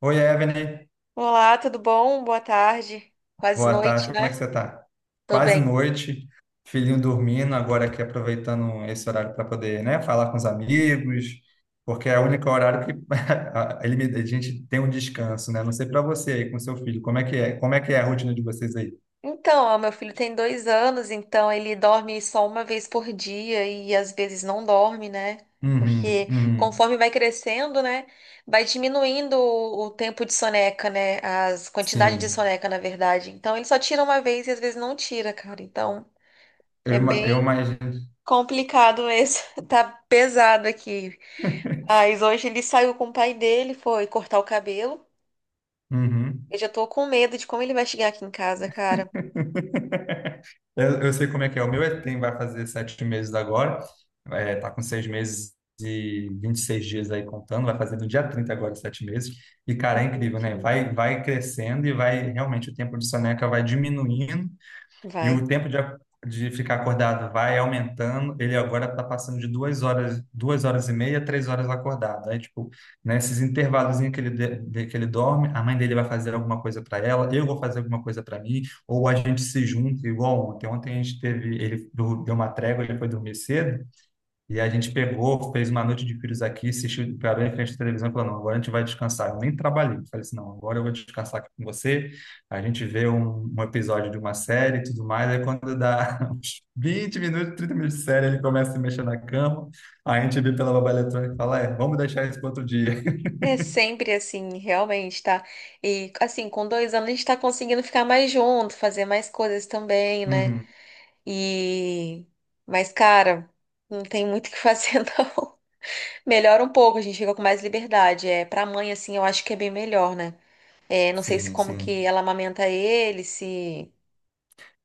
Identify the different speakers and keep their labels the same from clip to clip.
Speaker 1: Oi, Evelyn.
Speaker 2: Olá, tudo bom? Boa tarde. Quase
Speaker 1: Boa
Speaker 2: noite,
Speaker 1: tarde, como é que
Speaker 2: né?
Speaker 1: você tá?
Speaker 2: Tô
Speaker 1: Quase
Speaker 2: bem.
Speaker 1: noite, filhinho dormindo, agora aqui aproveitando esse horário para poder, né, falar com os amigos, porque é o único horário que a gente tem um descanso, né? Não sei para você aí com seu filho, como é que é? Como é que é a rotina de vocês aí?
Speaker 2: Então, ó, meu filho tem 2 anos, então ele dorme só uma vez por dia e às vezes não dorme, né?
Speaker 1: Uhum,
Speaker 2: Porque,
Speaker 1: uhum,
Speaker 2: conforme vai crescendo, né, vai diminuindo o tempo de soneca, né? As quantidades de
Speaker 1: sim.
Speaker 2: soneca, na verdade. Então, ele só tira uma vez e às vezes não tira, cara. Então,
Speaker 1: Eu,
Speaker 2: é
Speaker 1: ima- eu
Speaker 2: bem
Speaker 1: imagino.
Speaker 2: complicado isso. Tá pesado aqui. Mas hoje ele saiu com o pai dele, foi cortar o cabelo.
Speaker 1: Uhum.
Speaker 2: Eu já tô com medo de como ele vai chegar aqui em casa, cara.
Speaker 1: Eu sei como é que é. O meu vai fazer 7 meses agora, é, tá com 6 meses e 26 dias aí contando, vai fazer no dia 30 agora, 7 meses. E, cara, é incrível, né?
Speaker 2: Entendi.
Speaker 1: Vai crescendo e vai, realmente, o tempo de soneca vai diminuindo e o
Speaker 2: Vai.
Speaker 1: tempo de, de ficar acordado vai aumentando. Ele agora está passando de 2 horas, 2 horas e meia, 3 horas acordado. Aí, tipo, nesses intervalos em que que ele dorme, a mãe dele vai fazer alguma coisa para ela, eu vou fazer alguma coisa para mim, ou a gente se junta, igual ontem. Ontem a gente teve, deu uma trégua, ele foi dormir cedo, e a gente pegou, fez uma noite de filhos aqui, assistiu para bem em frente à televisão e falou, não, agora a gente vai descansar. Eu nem trabalhei. Falei assim, não, agora eu vou descansar aqui com você. A gente vê um episódio de uma série e tudo mais. Aí quando dá uns 20 minutos, 30 minutos de série, ele começa a se mexer na cama. Aí a gente vê pela babá eletrônica e fala, é, vamos deixar isso para outro dia.
Speaker 2: É sempre assim, realmente, tá? E, assim, com 2 anos a gente tá conseguindo ficar mais junto, fazer mais coisas também, né?
Speaker 1: Uhum.
Speaker 2: E. Mas, cara, não tem muito o que fazer, não. Melhora um pouco, a gente fica com mais liberdade. É, pra mãe, assim, eu acho que é bem melhor, né? É, não sei se
Speaker 1: Sim,
Speaker 2: como que
Speaker 1: sim.
Speaker 2: ela amamenta ele, se.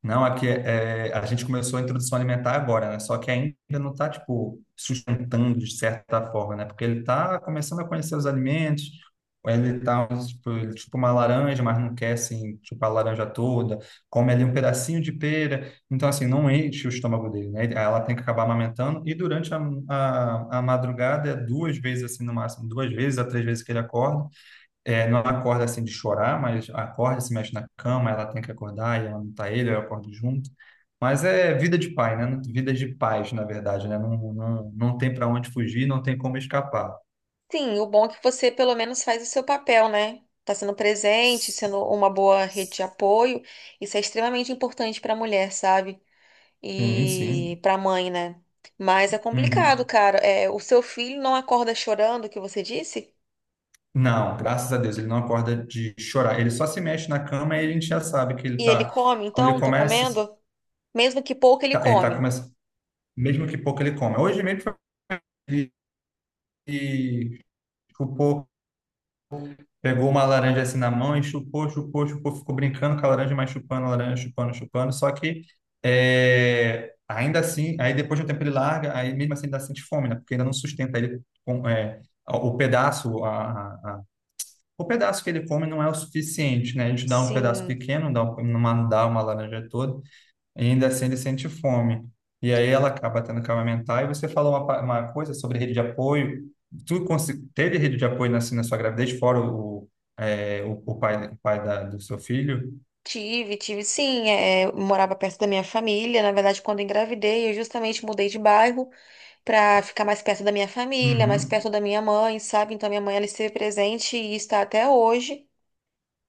Speaker 1: Não, aqui é, que é, a gente começou a introdução alimentar agora, né? Só que ainda não está, tipo, sustentando de certa forma, né? Porque ele está começando a conhecer os alimentos, ele tá, tipo, ele chupa uma laranja, mas não quer, assim, tipo a laranja toda, come ali um pedacinho de pera, então, assim, não enche o estômago dele, né? Ela tem que acabar amamentando, e durante a madrugada é duas vezes, assim, no máximo, duas vezes a três vezes que ele acorda, é, não acorda assim de chorar, mas acorda, se mexe na cama, ela tem que acordar e ela não tá ele, eu acordo junto. Mas é vida de pai, né? Vida de paz, na verdade, né? Não, não, não tem para onde fugir, não tem como escapar.
Speaker 2: Sim, o bom é que você pelo menos faz o seu papel, né? Tá sendo presente, sendo uma boa rede de apoio. Isso é extremamente importante pra mulher, sabe?
Speaker 1: Sim, sim.
Speaker 2: E pra mãe, né? Mas é complicado,
Speaker 1: Uhum.
Speaker 2: cara. É, o seu filho não acorda chorando, que você disse?
Speaker 1: Não, graças a Deus, ele não acorda de chorar. Ele só se mexe na cama e a gente já sabe que ele
Speaker 2: E ele
Speaker 1: tá.
Speaker 2: come,
Speaker 1: Quando ele
Speaker 2: então? Tá
Speaker 1: começa,
Speaker 2: comendo? Mesmo que pouco, ele
Speaker 1: ele tá
Speaker 2: come.
Speaker 1: começando, mesmo que pouco ele come. Hoje mesmo foi- ele chupou, pegou uma laranja assim na mão e chupou, chupou, chupou, ficou brincando com a laranja, mas chupando a laranja, chupando, chupando. Só que é, ainda assim, aí depois de um tempo ele larga, aí mesmo assim ele ainda sente fome, né? Porque ainda não sustenta ele com, é, o pedaço, a- o pedaço que ele come não é o suficiente, né? A gente dá um pedaço
Speaker 2: Sim,
Speaker 1: pequeno, dá, não dá uma laranja toda e ainda assim ele sente fome. E aí ela acaba tendo que amamentar. E você falou uma coisa sobre rede de apoio. Teve rede de apoio na, assim, na sua gravidez, fora o, é, o pai do seu filho?
Speaker 2: tive sim. É, eu morava perto da minha família. Na verdade, quando eu engravidei, eu justamente mudei de bairro para ficar mais perto da minha família, mais
Speaker 1: Uhum,
Speaker 2: perto da minha mãe, sabe? Então, minha mãe, ela esteve presente e está até hoje,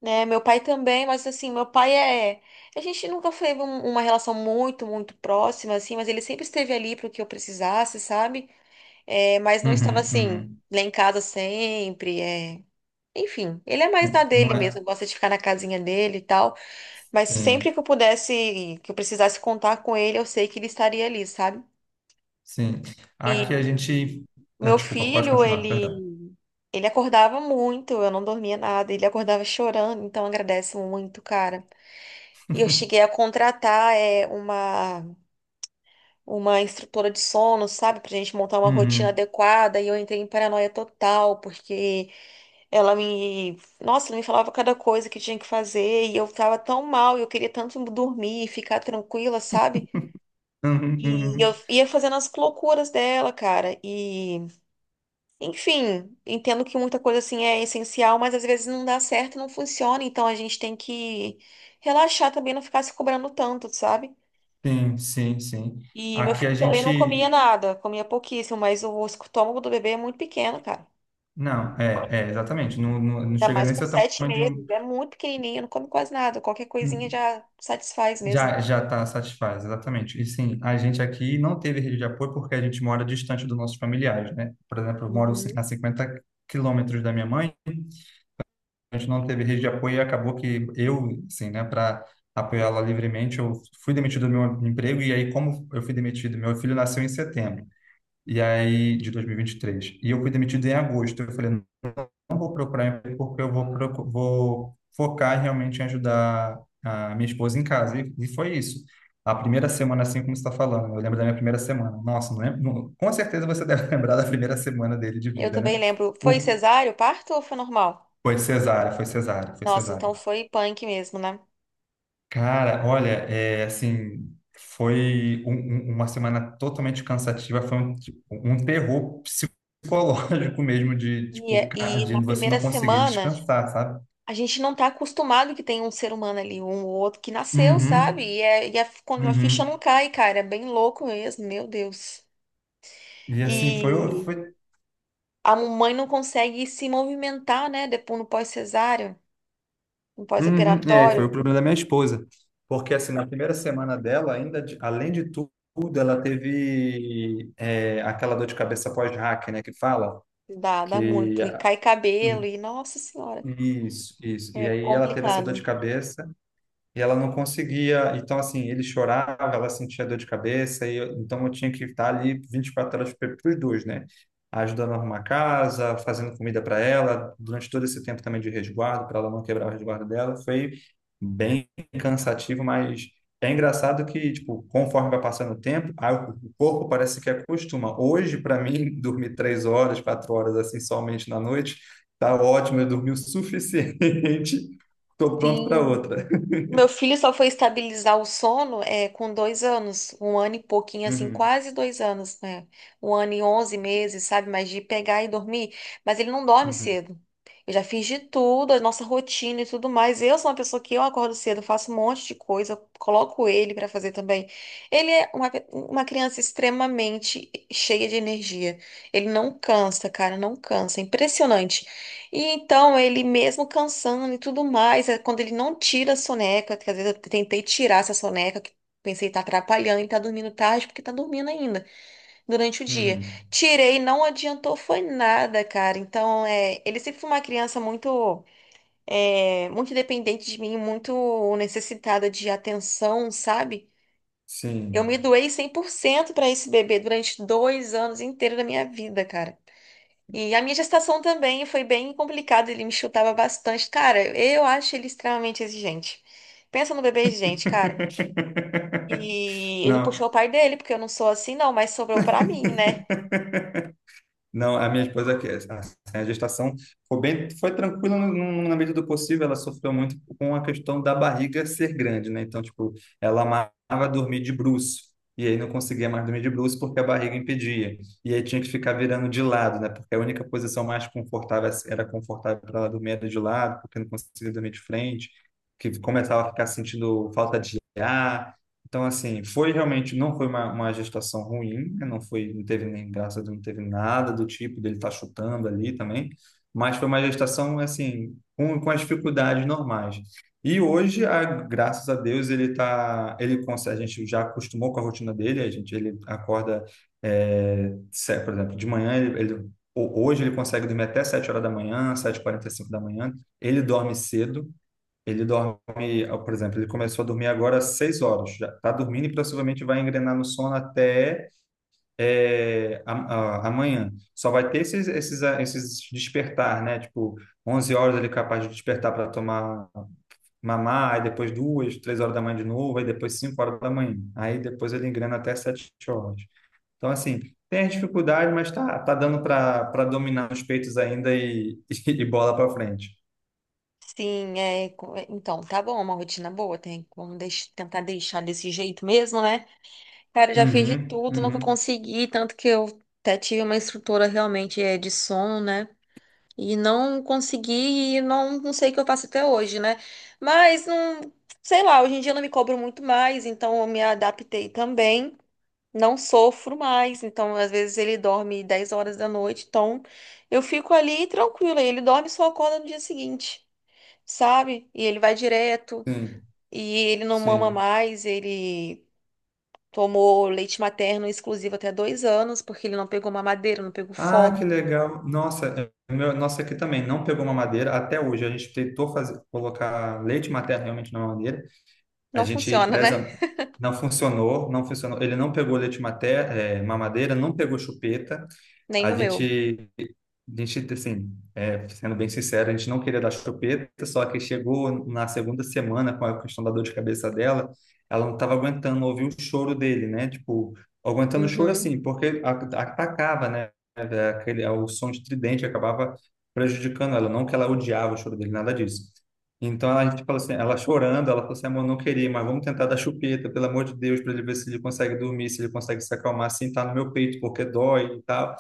Speaker 2: né? Meu pai também, mas, assim, meu pai é, a gente nunca foi um- uma relação muito, muito próxima assim, mas ele sempre esteve ali para o que eu precisasse, sabe? É, mas não estava
Speaker 1: uhum,
Speaker 2: assim
Speaker 1: uhum.
Speaker 2: lá em casa sempre. Enfim, ele é mais da
Speaker 1: Não, não
Speaker 2: dele
Speaker 1: é?
Speaker 2: mesmo, gosta de ficar na casinha dele e tal, mas
Speaker 1: Sim,
Speaker 2: sempre que eu pudesse, que eu precisasse contar com ele, eu sei que ele estaria ali, sabe?
Speaker 1: sim. Aqui a gente. Ah,
Speaker 2: Meu
Speaker 1: desculpa, pode
Speaker 2: filho,
Speaker 1: continuar, perdão.
Speaker 2: ele acordava muito, eu não dormia nada, ele acordava chorando, então agradeço muito, cara. E eu cheguei a contratar, é, uma instrutora de sono, sabe, pra gente montar uma rotina
Speaker 1: Uhum.
Speaker 2: adequada, e eu entrei em paranoia total, porque ela me, nossa, ela me falava cada coisa que tinha que fazer, e eu tava tão mal, e eu queria tanto dormir e ficar tranquila, sabe?
Speaker 1: Uhum,
Speaker 2: E eu
Speaker 1: uhum.
Speaker 2: ia fazendo as loucuras dela, cara. Enfim, entendo que muita coisa assim é essencial, mas às vezes não dá certo, não funciona, então a gente tem que relaxar também, não ficar se cobrando tanto, sabe?
Speaker 1: Sim, sim, sim.
Speaker 2: E meu
Speaker 1: Aqui a
Speaker 2: filho também não comia
Speaker 1: gente.
Speaker 2: nada, comia pouquíssimo, mas o estômago do bebê é muito pequeno, cara.
Speaker 1: Não, é, é exatamente. Não, não, não
Speaker 2: Ainda
Speaker 1: chega
Speaker 2: mais
Speaker 1: nem a
Speaker 2: com
Speaker 1: ser o
Speaker 2: sete
Speaker 1: tamanho
Speaker 2: meses,
Speaker 1: de
Speaker 2: é muito pequenininho, não come quase nada, qualquer coisinha
Speaker 1: um.
Speaker 2: já satisfaz mesmo.
Speaker 1: Já está satisfaz, exatamente. E sim, a gente aqui não teve rede de apoio porque a gente mora distante dos nossos familiares, né? Por exemplo, eu moro
Speaker 2: Uhum.
Speaker 1: a 50 quilômetros da minha mãe, a gente não teve rede de apoio e acabou que eu, sim, né, para apoiá-la livremente, eu fui demitido do meu emprego e aí, como eu fui demitido, meu filho nasceu em setembro, e aí, de dois mil e vinte e três, e eu fui demitido em agosto. Eu falei, não vou procurar emprego porque eu vou, vou focar realmente em ajudar a minha esposa em casa. E foi isso. A primeira semana, assim como você está falando, eu lembro da minha primeira semana. Nossa, não lembro, não, com certeza você deve lembrar da primeira semana dele de
Speaker 2: Eu
Speaker 1: vida,
Speaker 2: também
Speaker 1: né?
Speaker 2: lembro, foi
Speaker 1: O,
Speaker 2: cesárea, o parto ou foi normal?
Speaker 1: foi cesárea, foi cesárea, foi
Speaker 2: Nossa,
Speaker 1: cesárea.
Speaker 2: então foi punk mesmo, né?
Speaker 1: Cara, olha, é, assim, foi uma semana totalmente cansativa, foi um, tipo, um terror psicológico mesmo de,
Speaker 2: E,
Speaker 1: tipo,
Speaker 2: é, e
Speaker 1: de
Speaker 2: na
Speaker 1: você
Speaker 2: primeira
Speaker 1: não conseguir
Speaker 2: semana.
Speaker 1: descansar, sabe?
Speaker 2: A gente não tá acostumado que tem um ser humano ali, um ou outro que nasceu, sabe?
Speaker 1: Uhum.
Speaker 2: E, é, quando a ficha não
Speaker 1: Uhum.
Speaker 2: cai, cara, é bem louco mesmo, meu Deus.
Speaker 1: E assim, foi,
Speaker 2: E
Speaker 1: foi.
Speaker 2: a mãe não consegue se movimentar, né? Depois, no pós cesáreo no
Speaker 1: Uhum. É, foi o
Speaker 2: pós-operatório,
Speaker 1: problema da minha esposa. Porque assim, na primeira semana dela, ainda, além de tudo, ela teve é, aquela dor de cabeça pós-hack, né, que fala,
Speaker 2: dá
Speaker 1: que...
Speaker 2: muito. E cai cabelo, e, nossa senhora,
Speaker 1: Isso, isso. E
Speaker 2: é
Speaker 1: aí ela teve essa dor de
Speaker 2: complicado.
Speaker 1: cabeça, e ela não conseguia. Então, assim, ele chorava, ela sentia dor de cabeça, e então eu tinha que estar ali 24 horas para os dois, né? Ajudando a arrumar a casa, fazendo comida para ela, durante todo esse tempo também de resguardo, para ela não quebrar o resguardo dela. Foi bem cansativo, mas é engraçado que, tipo, conforme vai passando o tempo, aí o corpo parece que acostuma. Hoje, para mim, dormir 3 horas, 4 horas assim somente na noite, tá ótimo, eu dormi o suficiente, estou pronto para outra.
Speaker 2: Sim. Meu filho só foi estabilizar o sono, é, com 2 anos, 1 ano e pouquinho, assim,
Speaker 1: Uhum.
Speaker 2: quase 2 anos, né? 1 ano e 11 meses, sabe? Mas de pegar e dormir. Mas ele não dorme
Speaker 1: Uhum,
Speaker 2: cedo. Eu já fiz de tudo, a nossa rotina e tudo mais. Eu sou uma pessoa que eu acordo cedo, faço um monte de coisa, coloco ele pra fazer também. Ele é uma, uma criança extremamente cheia de energia. Ele não cansa, cara, não cansa. É impressionante. E, então, ele mesmo cansando e tudo mais, é quando ele não tira a soneca, que às vezes eu tentei tirar essa soneca, que pensei tá atrapalhando, ele tá dormindo tarde, porque tá dormindo ainda, durante o dia.
Speaker 1: uhum.
Speaker 2: Tirei, não adiantou, foi nada, cara. Então, é, ele sempre foi uma criança muito, é, muito dependente de mim, muito necessitada de atenção, sabe? Eu
Speaker 1: Sim.
Speaker 2: me doei 100% pra esse bebê durante 2 anos inteiros da minha vida, cara. E a minha gestação também foi bem complicada, ele me chutava bastante. Cara, eu acho ele extremamente exigente. Pensa no bebê exigente, cara. E ele
Speaker 1: Não,
Speaker 2: puxou o pai dele, porque eu não sou assim, não, mas sobrou pra mim, né?
Speaker 1: não, a minha esposa, assim, a gestação foi bem, foi tranquila na medida do possível, ela sofreu muito com a questão da barriga ser grande, né? Então, tipo, ela amava dormir de bruço, e aí não conseguia mais dormir de bruço porque a barriga impedia, e aí tinha que ficar virando de lado, né? Porque a única posição mais confortável era confortável para ela dormir era de lado, porque não conseguia dormir de frente, que começava a ficar sentindo falta de ar. Então, assim, foi realmente, não foi uma gestação ruim, né? Não foi, não teve nem, graças não teve nada do tipo dele estar chutando ali também, mas foi uma gestação, assim, com as dificuldades normais. E hoje, a, graças a Deus, ele tá, ele consegue, a gente já acostumou com a rotina dele, a gente, ele acorda, é, se- por exemplo, de manhã, hoje ele consegue dormir até 7 horas da manhã, 7:45 da manhã, ele dorme cedo, ele dorme, ó, por exemplo, ele começou a dormir agora às 6 horas. Já está dormindo e possivelmente vai engrenar no sono até é, amanhã. Só vai ter esses, esses despertar, né? Tipo, 11 horas ele é capaz de despertar para tomar mamar, aí depois duas, 3 horas da manhã de novo, aí depois 5 horas da manhã. Aí depois ele engrena até 7 horas. Então, assim, tem a dificuldade, mas tá, tá dando para dominar os peitos ainda e, e, bola para frente.
Speaker 2: Sim, é. Então, tá bom, é uma rotina boa, tem como tentar deixar desse jeito mesmo, né? Cara, eu já fiz de
Speaker 1: Uhum,
Speaker 2: tudo, nunca
Speaker 1: uhum,
Speaker 2: consegui, tanto que eu até tive uma instrutora, realmente, é, de som, né? E não consegui, e não, não sei o que eu faço até hoje, né? Mas não, sei lá, hoje em dia eu não me cobro muito mais, então eu me adaptei também. Não sofro mais, então às vezes ele dorme 10 horas da noite, então eu fico ali tranquila. E ele dorme e só acorda no dia seguinte, sabe? E ele vai direto,
Speaker 1: sim,
Speaker 2: e ele não mama
Speaker 1: sim.
Speaker 2: mais, ele tomou leite materno exclusivo até 2 anos, porque ele não pegou mamadeira, não pegou
Speaker 1: Ah,
Speaker 2: forno.
Speaker 1: que legal. Nossa, é meu, nossa aqui também não pegou uma madeira até hoje. A gente tentou fazer, colocar leite materno realmente na madeira. A
Speaker 2: Não
Speaker 1: gente
Speaker 2: funciona, né?
Speaker 1: preza, não funcionou, não funcionou. Ele não pegou leite materno, é, mamadeira, não pegou chupeta.
Speaker 2: Nem
Speaker 1: A
Speaker 2: o meu.
Speaker 1: gente, a gente assim, é, sendo bem sincero, a gente não queria dar chupeta, só que chegou na segunda semana com a questão da dor de cabeça dela, ela não estava aguentando ouvir o choro dele, né? Tipo, aguentando o choro
Speaker 2: Uhum,
Speaker 1: assim, porque atacava, né? Aquele, o som de tridente acabava prejudicando ela, não que ela odiava o choro dele, nada disso. Então a gente falou assim, ela chorando, ela falou assim, amor, não queria, mas vamos tentar dar chupeta, pelo amor de Deus, para ele ver se ele consegue dormir, se ele consegue se acalmar, assim, tá no meu peito, porque dói e tal.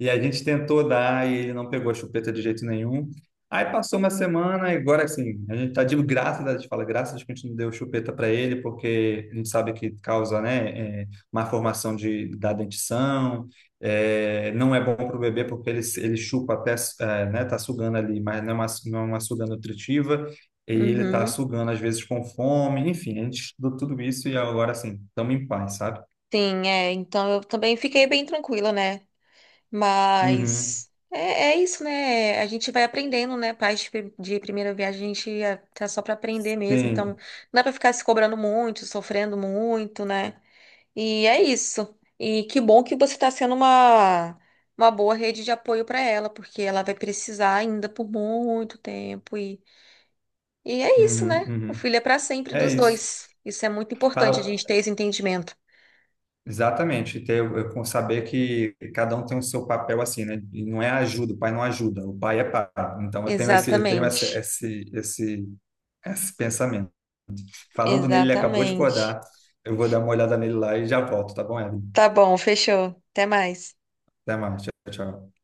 Speaker 1: E a gente tentou dar e ele não pegou a chupeta de jeito nenhum. Aí passou uma semana e agora assim, a gente tá de graça, a gente fala graças a Deus que a gente não deu chupeta para ele, porque a gente sabe que causa, né, é, má formação de, da dentição, é, não é bom para o bebê porque ele chupa até, é, né, tá sugando ali, mas não é uma, não é uma suga nutritiva, e ele tá
Speaker 2: uhum.
Speaker 1: sugando às vezes com fome, enfim, a gente estudou tudo isso e agora assim, estamos em paz, sabe?
Speaker 2: Sim, é. Então eu também fiquei bem tranquila, né?
Speaker 1: Uhum,
Speaker 2: Mas é, é isso, né? A gente vai aprendendo, né? Pais de primeira viagem, a gente é, tá só pra aprender mesmo. Então não
Speaker 1: sim,
Speaker 2: dá pra ficar se cobrando muito, sofrendo muito, né? E é isso. E que bom que você tá sendo uma boa rede de apoio pra ela, porque ela vai precisar ainda por muito tempo. E é isso, né?
Speaker 1: uhum,
Speaker 2: O
Speaker 1: uhum.
Speaker 2: filho é pra sempre
Speaker 1: É
Speaker 2: dos
Speaker 1: isso.
Speaker 2: dois. Isso é muito importante, a
Speaker 1: Pra-
Speaker 2: gente ter esse entendimento.
Speaker 1: Exatamente, ter, eu, com saber que cada um tem o seu papel assim, né? E não é ajuda, o pai não ajuda, o pai é pai. Então eu tenho esse, eu tenho
Speaker 2: Exatamente.
Speaker 1: esse pensamento. Falando nele, ele acabou de
Speaker 2: Exatamente.
Speaker 1: acordar. Eu vou dar uma olhada nele lá e já volto, tá bom, Edson?
Speaker 2: Tá bom, fechou. Até mais.
Speaker 1: Até mais, tchau, tchau.